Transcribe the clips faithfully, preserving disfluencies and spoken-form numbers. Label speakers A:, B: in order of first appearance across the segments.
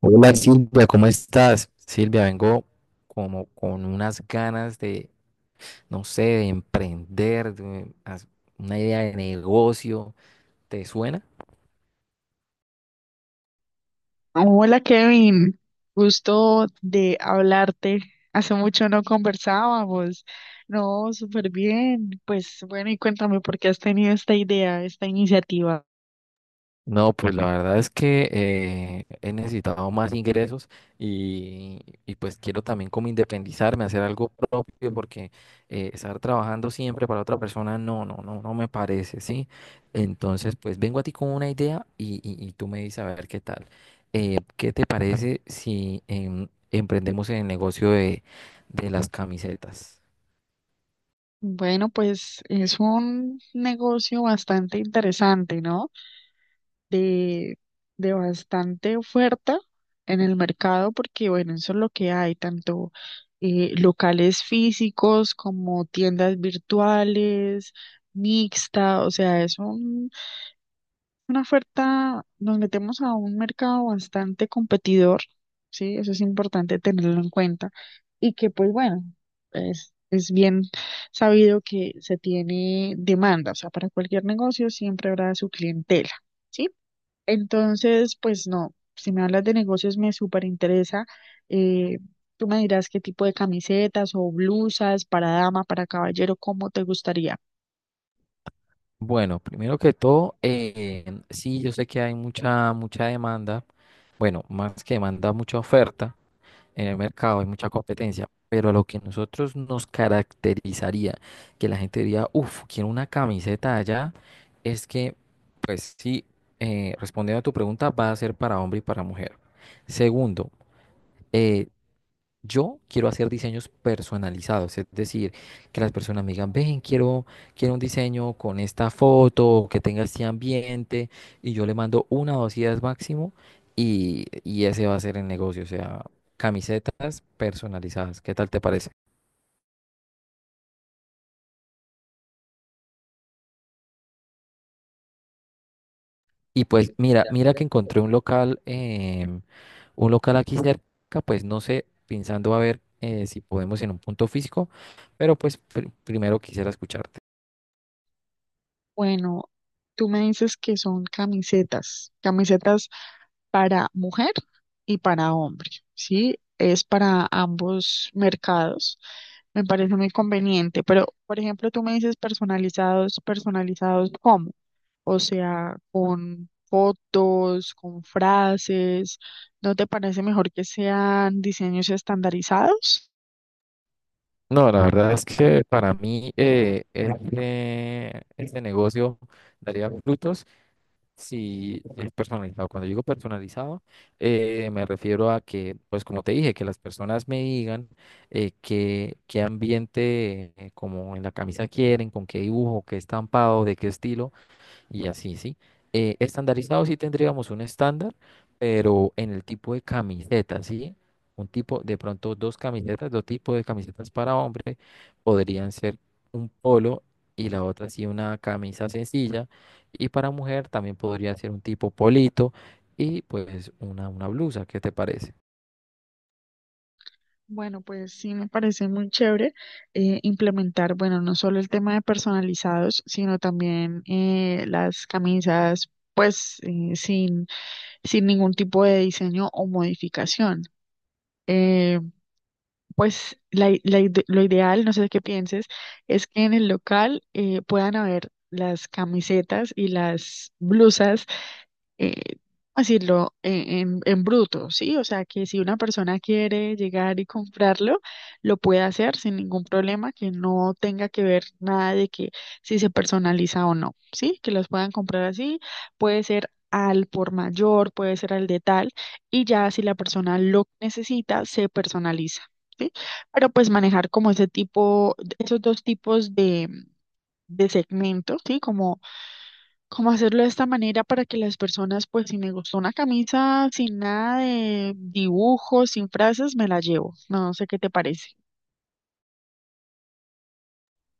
A: Hola Silvia, ¿cómo estás? Silvia, vengo como con unas ganas de, no sé, de emprender, de haz- una idea de negocio. ¿Te suena?
B: Hola Kevin, gusto de hablarte. Hace mucho no conversábamos. No, súper bien. Pues bueno, y cuéntame por qué has tenido esta idea, esta iniciativa.
A: No, pues la verdad es que eh, he necesitado más ingresos y, y pues quiero también como independizarme, hacer algo propio, porque eh, estar trabajando siempre para otra persona no, no, no, no me parece, ¿sí? Entonces, pues vengo a ti con una idea y, y- y tú me dices a ver qué tal. Eh, ¿qué te parece si em, emprendemos en el negocio de, de las camisetas?
B: Bueno, pues es un negocio bastante interesante, ¿no? De, de bastante oferta en el mercado, porque bueno, eso es lo que hay, tanto eh, locales físicos como tiendas virtuales, mixta, o sea, es un una oferta, nos metemos a un mercado bastante competidor, ¿sí? Eso es importante tenerlo en cuenta. Y que, pues bueno, es, es bien sabido que se tiene demanda, o sea, para cualquier negocio siempre habrá su clientela, ¿sí? Entonces, pues no, si me hablas de negocios me súper interesa. Eh, Tú me dirás qué tipo de camisetas o blusas para dama, para caballero, cómo te gustaría.
A: Bueno, primero que todo, eh, sí, yo sé que hay mucha, mucha demanda. Bueno, más que demanda, mucha oferta en el mercado, hay mucha competencia, pero lo que a nosotros nos caracterizaría, que la gente diría, uff, quiero una camiseta allá, es que, pues sí, eh, respondiendo a tu pregunta, va a ser para hombre y para mujer. Segundo, eh, yo quiero hacer diseños personalizados, es decir, que las personas me digan, ven, quiero, quiero un diseño con esta foto, que tenga este ambiente, y yo le mando una o dos ideas máximo, y, y ese va a ser el negocio, o sea, camisetas personalizadas, ¿qué tal te parece? Y pues mira, mira que encontré un local, em, un local aquí cerca, pues no sé, pensando a ver eh, si podemos en un punto físico, pero pues pr- primero quisiera escucharte.
B: Bueno, tú me dices que son camisetas, camisetas para mujer y para hombre, ¿sí? Es para ambos mercados. Me parece muy conveniente, pero por ejemplo, tú me dices personalizados, ¿personalizados cómo? O sea, con fotos, con frases, ¿no te parece mejor que sean diseños estandarizados?
A: No, la verdad es que para mí eh, este, este negocio daría frutos si es personalizado. Cuando digo personalizado, eh, me refiero a que, pues como te dije, que las personas me digan eh, qué, qué ambiente eh, como en la camisa quieren, con qué dibujo, qué estampado, de qué estilo y así, ¿sí? Eh, estandarizado sí tendríamos un estándar, pero en el tipo de camiseta, ¿sí? Un tipo, de pronto dos camisetas, dos tipos de camisetas para hombre, podrían ser un polo y la otra sí una camisa sencilla, y para mujer también podría ser un tipo polito y pues una, una blusa, ¿qué te parece?
B: Bueno, pues sí me parece muy chévere eh, implementar, bueno, no solo el tema de personalizados, sino también eh, las camisas, pues eh, sin, sin ningún tipo de diseño o modificación. Eh, pues la i- la ide- lo ideal, no sé qué pienses, es que en el local eh, puedan haber las camisetas y las blusas eh, decirlo, eh, en, en bruto, ¿sí? O sea, que si una persona quiere llegar y comprarlo, lo puede hacer sin ningún problema, que no tenga que ver nada de que si se personaliza o no, ¿sí? Que los puedan comprar así, puede ser al por mayor, puede ser al de tal, y ya si la persona lo necesita, se personaliza. ¿Sí? Pero pues manejar como ese tipo, esos dos tipos de, de segmentos, ¿sí? Como como hacerlo de esta manera para que las personas, pues si me gustó una camisa sin nada de dibujos, sin frases, me la llevo. No sé qué te parece.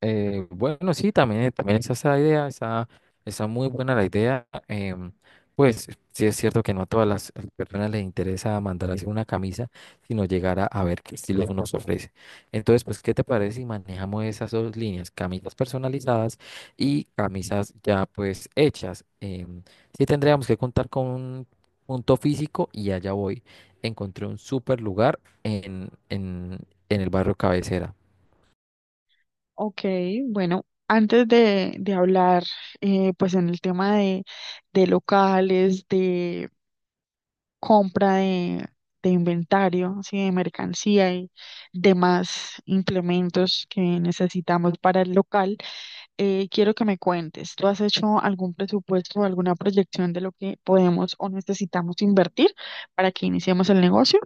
A: Eh, bueno, sí, también, también esa es esa idea, esa esa muy buena la idea. Em, pues sí es cierto que no a todas las personas les interesa mandar a hacer una camisa, sino llegar a, a ver qué estilo nos ofrece. Entonces, pues, ¿qué te parece si manejamos esas dos líneas, camisas personalizadas y camisas ya pues hechas? Em, sí tendríamos que contar con un punto físico y allá voy. Encontré un súper lugar en, en en el barrio Cabecera.
B: Ok, bueno, antes de, de hablar, eh, pues en el tema de, de locales, de compra de, de inventario, así de mercancía y demás implementos que necesitamos para el local. Eh, quiero que me cuentes, ¿tú has hecho algún presupuesto o alguna proyección de lo que podemos o necesitamos invertir para que iniciemos el negocio?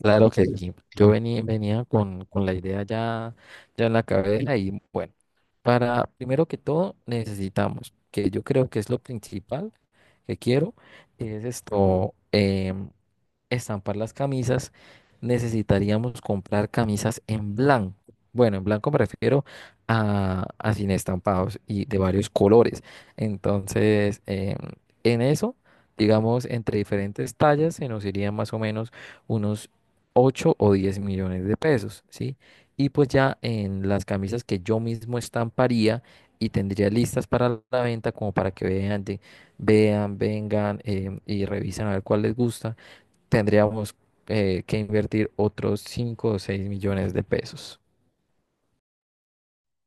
A: Claro que sí. Yo venía, venía con, con la idea ya, ya en la cabeza y bueno, para primero que todo necesitamos, que yo creo que es lo principal que quiero, es esto, em, estampar las camisas, necesitaríamos comprar camisas en blanco. Bueno, en blanco me refiero a, a sin estampados y de varios colores. Entonces, em, en eso, digamos, entre diferentes tallas se nos irían más o menos unos ocho o diez millones de pesos, ¿sí? Y pues ya en las camisas que yo mismo estamparía y tendría listas para la venta como para que vean, de- vean, vengan em, y revisen a ver cuál les gusta tendríamos eh, que invertir otros cinco o seis millones de pesos.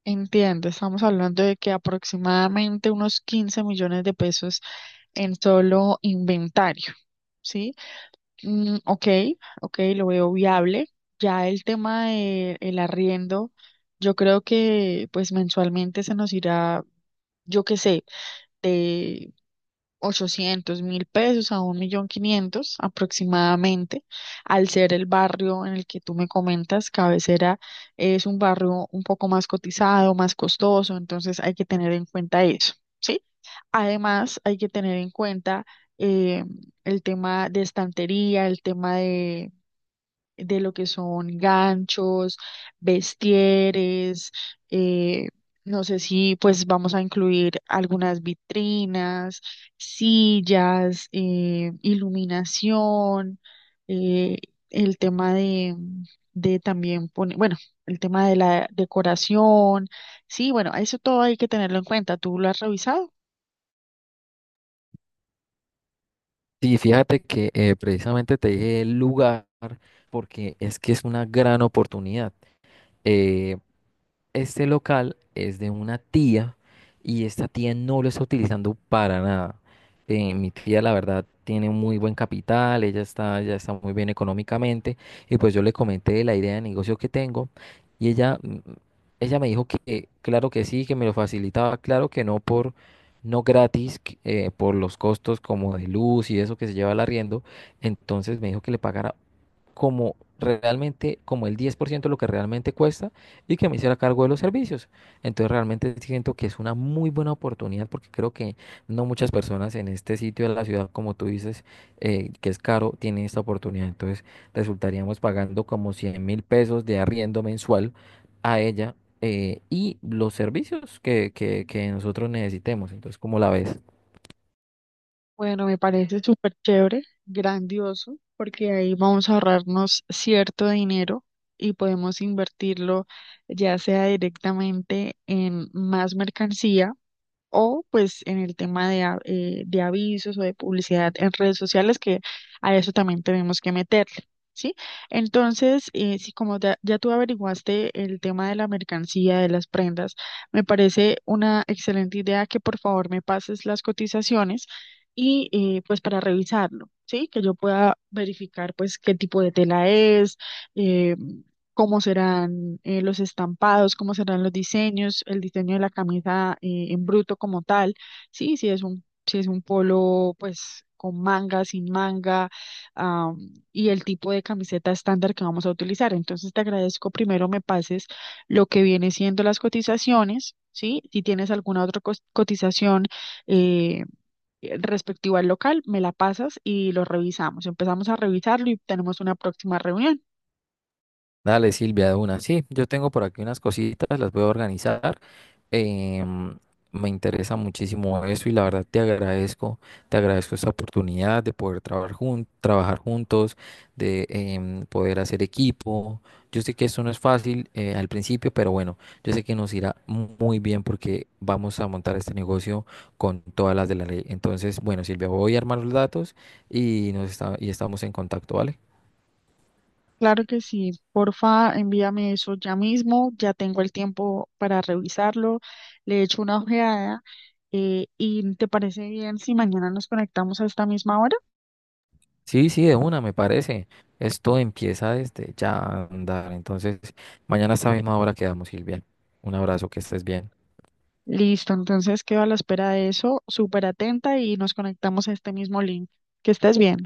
B: Entiendo, estamos hablando de que aproximadamente unos quince millones de pesos en solo inventario, ¿sí? Mm, ok, ok, lo veo viable. Ya el tema de el arriendo, yo creo que pues mensualmente se nos irá, yo qué sé, ochocientos mil pesos a un millón quinientos aproximadamente, al ser el barrio en el que tú me comentas, Cabecera es un barrio un poco más cotizado, más costoso, entonces hay que tener en cuenta eso, ¿sí? Además, hay que tener en cuenta eh, el tema de estantería, el tema de lo que son ganchos, vestieres, eh, no sé si pues vamos a incluir algunas vitrinas, sillas, eh, iluminación, eh, el tema de, de también poner, bueno, el tema de la decoración, sí, bueno, eso todo hay que tenerlo en cuenta. ¿Tú lo has revisado?
A: Sí, fíjate que eh, precisamente te dije el lugar porque es que es una gran oportunidad. Eh, Este local es de una tía y esta tía no lo está utilizando para nada. Eh, mi tía, la verdad, tiene un muy buen capital, ella está, ya está muy bien económicamente y pues yo le comenté la idea de negocio que tengo y ella, mm, ella me dijo que eh, claro que sí, que me lo facilitaba, claro que no por no gratis, que, eh, por los costos como de luz y eso que se lleva al arriendo, entonces me dijo que le pagara como realmente, como el diez por ciento de lo que realmente cuesta y que me hiciera cargo de los servicios. Entonces realmente siento que es una muy buena oportunidad porque creo que no muchas personas en este sitio de la ciudad, como tú dices, eh, que es caro, tienen esta oportunidad. Entonces resultaríamos pagando como cien mil pesos de arriendo mensual a ella. Eh, y los servicios que, que, que nosotros necesitemos. Entonces, ¿cómo la ves?
B: Bueno, me parece súper chévere, grandioso, porque ahí vamos a ahorrarnos cierto dinero y podemos invertirlo ya sea directamente en más mercancía o pues en el tema de, a- eh, de avisos o de publicidad en redes sociales, que a eso también tenemos que meterle, ¿sí? Entonces, eh, si como ya, ya tú averiguaste el tema de la mercancía, de las prendas, me parece una excelente idea que por favor me pases las cotizaciones y eh, pues para revisarlo. Sí, que yo pueda verificar pues qué tipo de tela es, eh, cómo serán eh, los estampados, cómo serán los diseños, el diseño de la camisa eh, en bruto como tal. Sí, si es un, si es un polo, pues con manga, sin manga, am, y el tipo de camiseta estándar que vamos a utilizar. Entonces te agradezco primero me pases lo que viene siendo las cotizaciones, ¿sí? Si tienes alguna otra cos- cotización eh, respectiva al local, me la pasas y lo revisamos. Empezamos a revisarlo y tenemos una próxima reunión.
A: Dale, Silvia, de una. Sí, yo tengo por aquí unas cositas, las voy a organizar. Em, Me interesa muchísimo eso y la verdad te agradezco, te agradezco, esta oportunidad de poder trabajar, jun- trabajar juntos, de em, poder hacer equipo. Yo sé que esto no es fácil eh, al principio, pero bueno, yo sé que nos irá mu- muy bien porque vamos a montar este negocio con todas las de la ley. Entonces, bueno, Silvia, voy a armar los datos y, nos está- y estamos en contacto, ¿vale?
B: Claro que sí, porfa, envíame eso ya mismo, ya tengo el tiempo para revisarlo, le echo una ojeada eh, y ¿te parece bien si mañana nos conectamos a esta misma hora?
A: Sí, sí, de una, me parece. Esto empieza desde ya a andar. Entonces, mañana a esta misma hora quedamos, Silvia. Un abrazo, que estés bien.
B: Listo, entonces quedo a la espera de eso, súper atenta y nos conectamos a este mismo link. Que estés bien.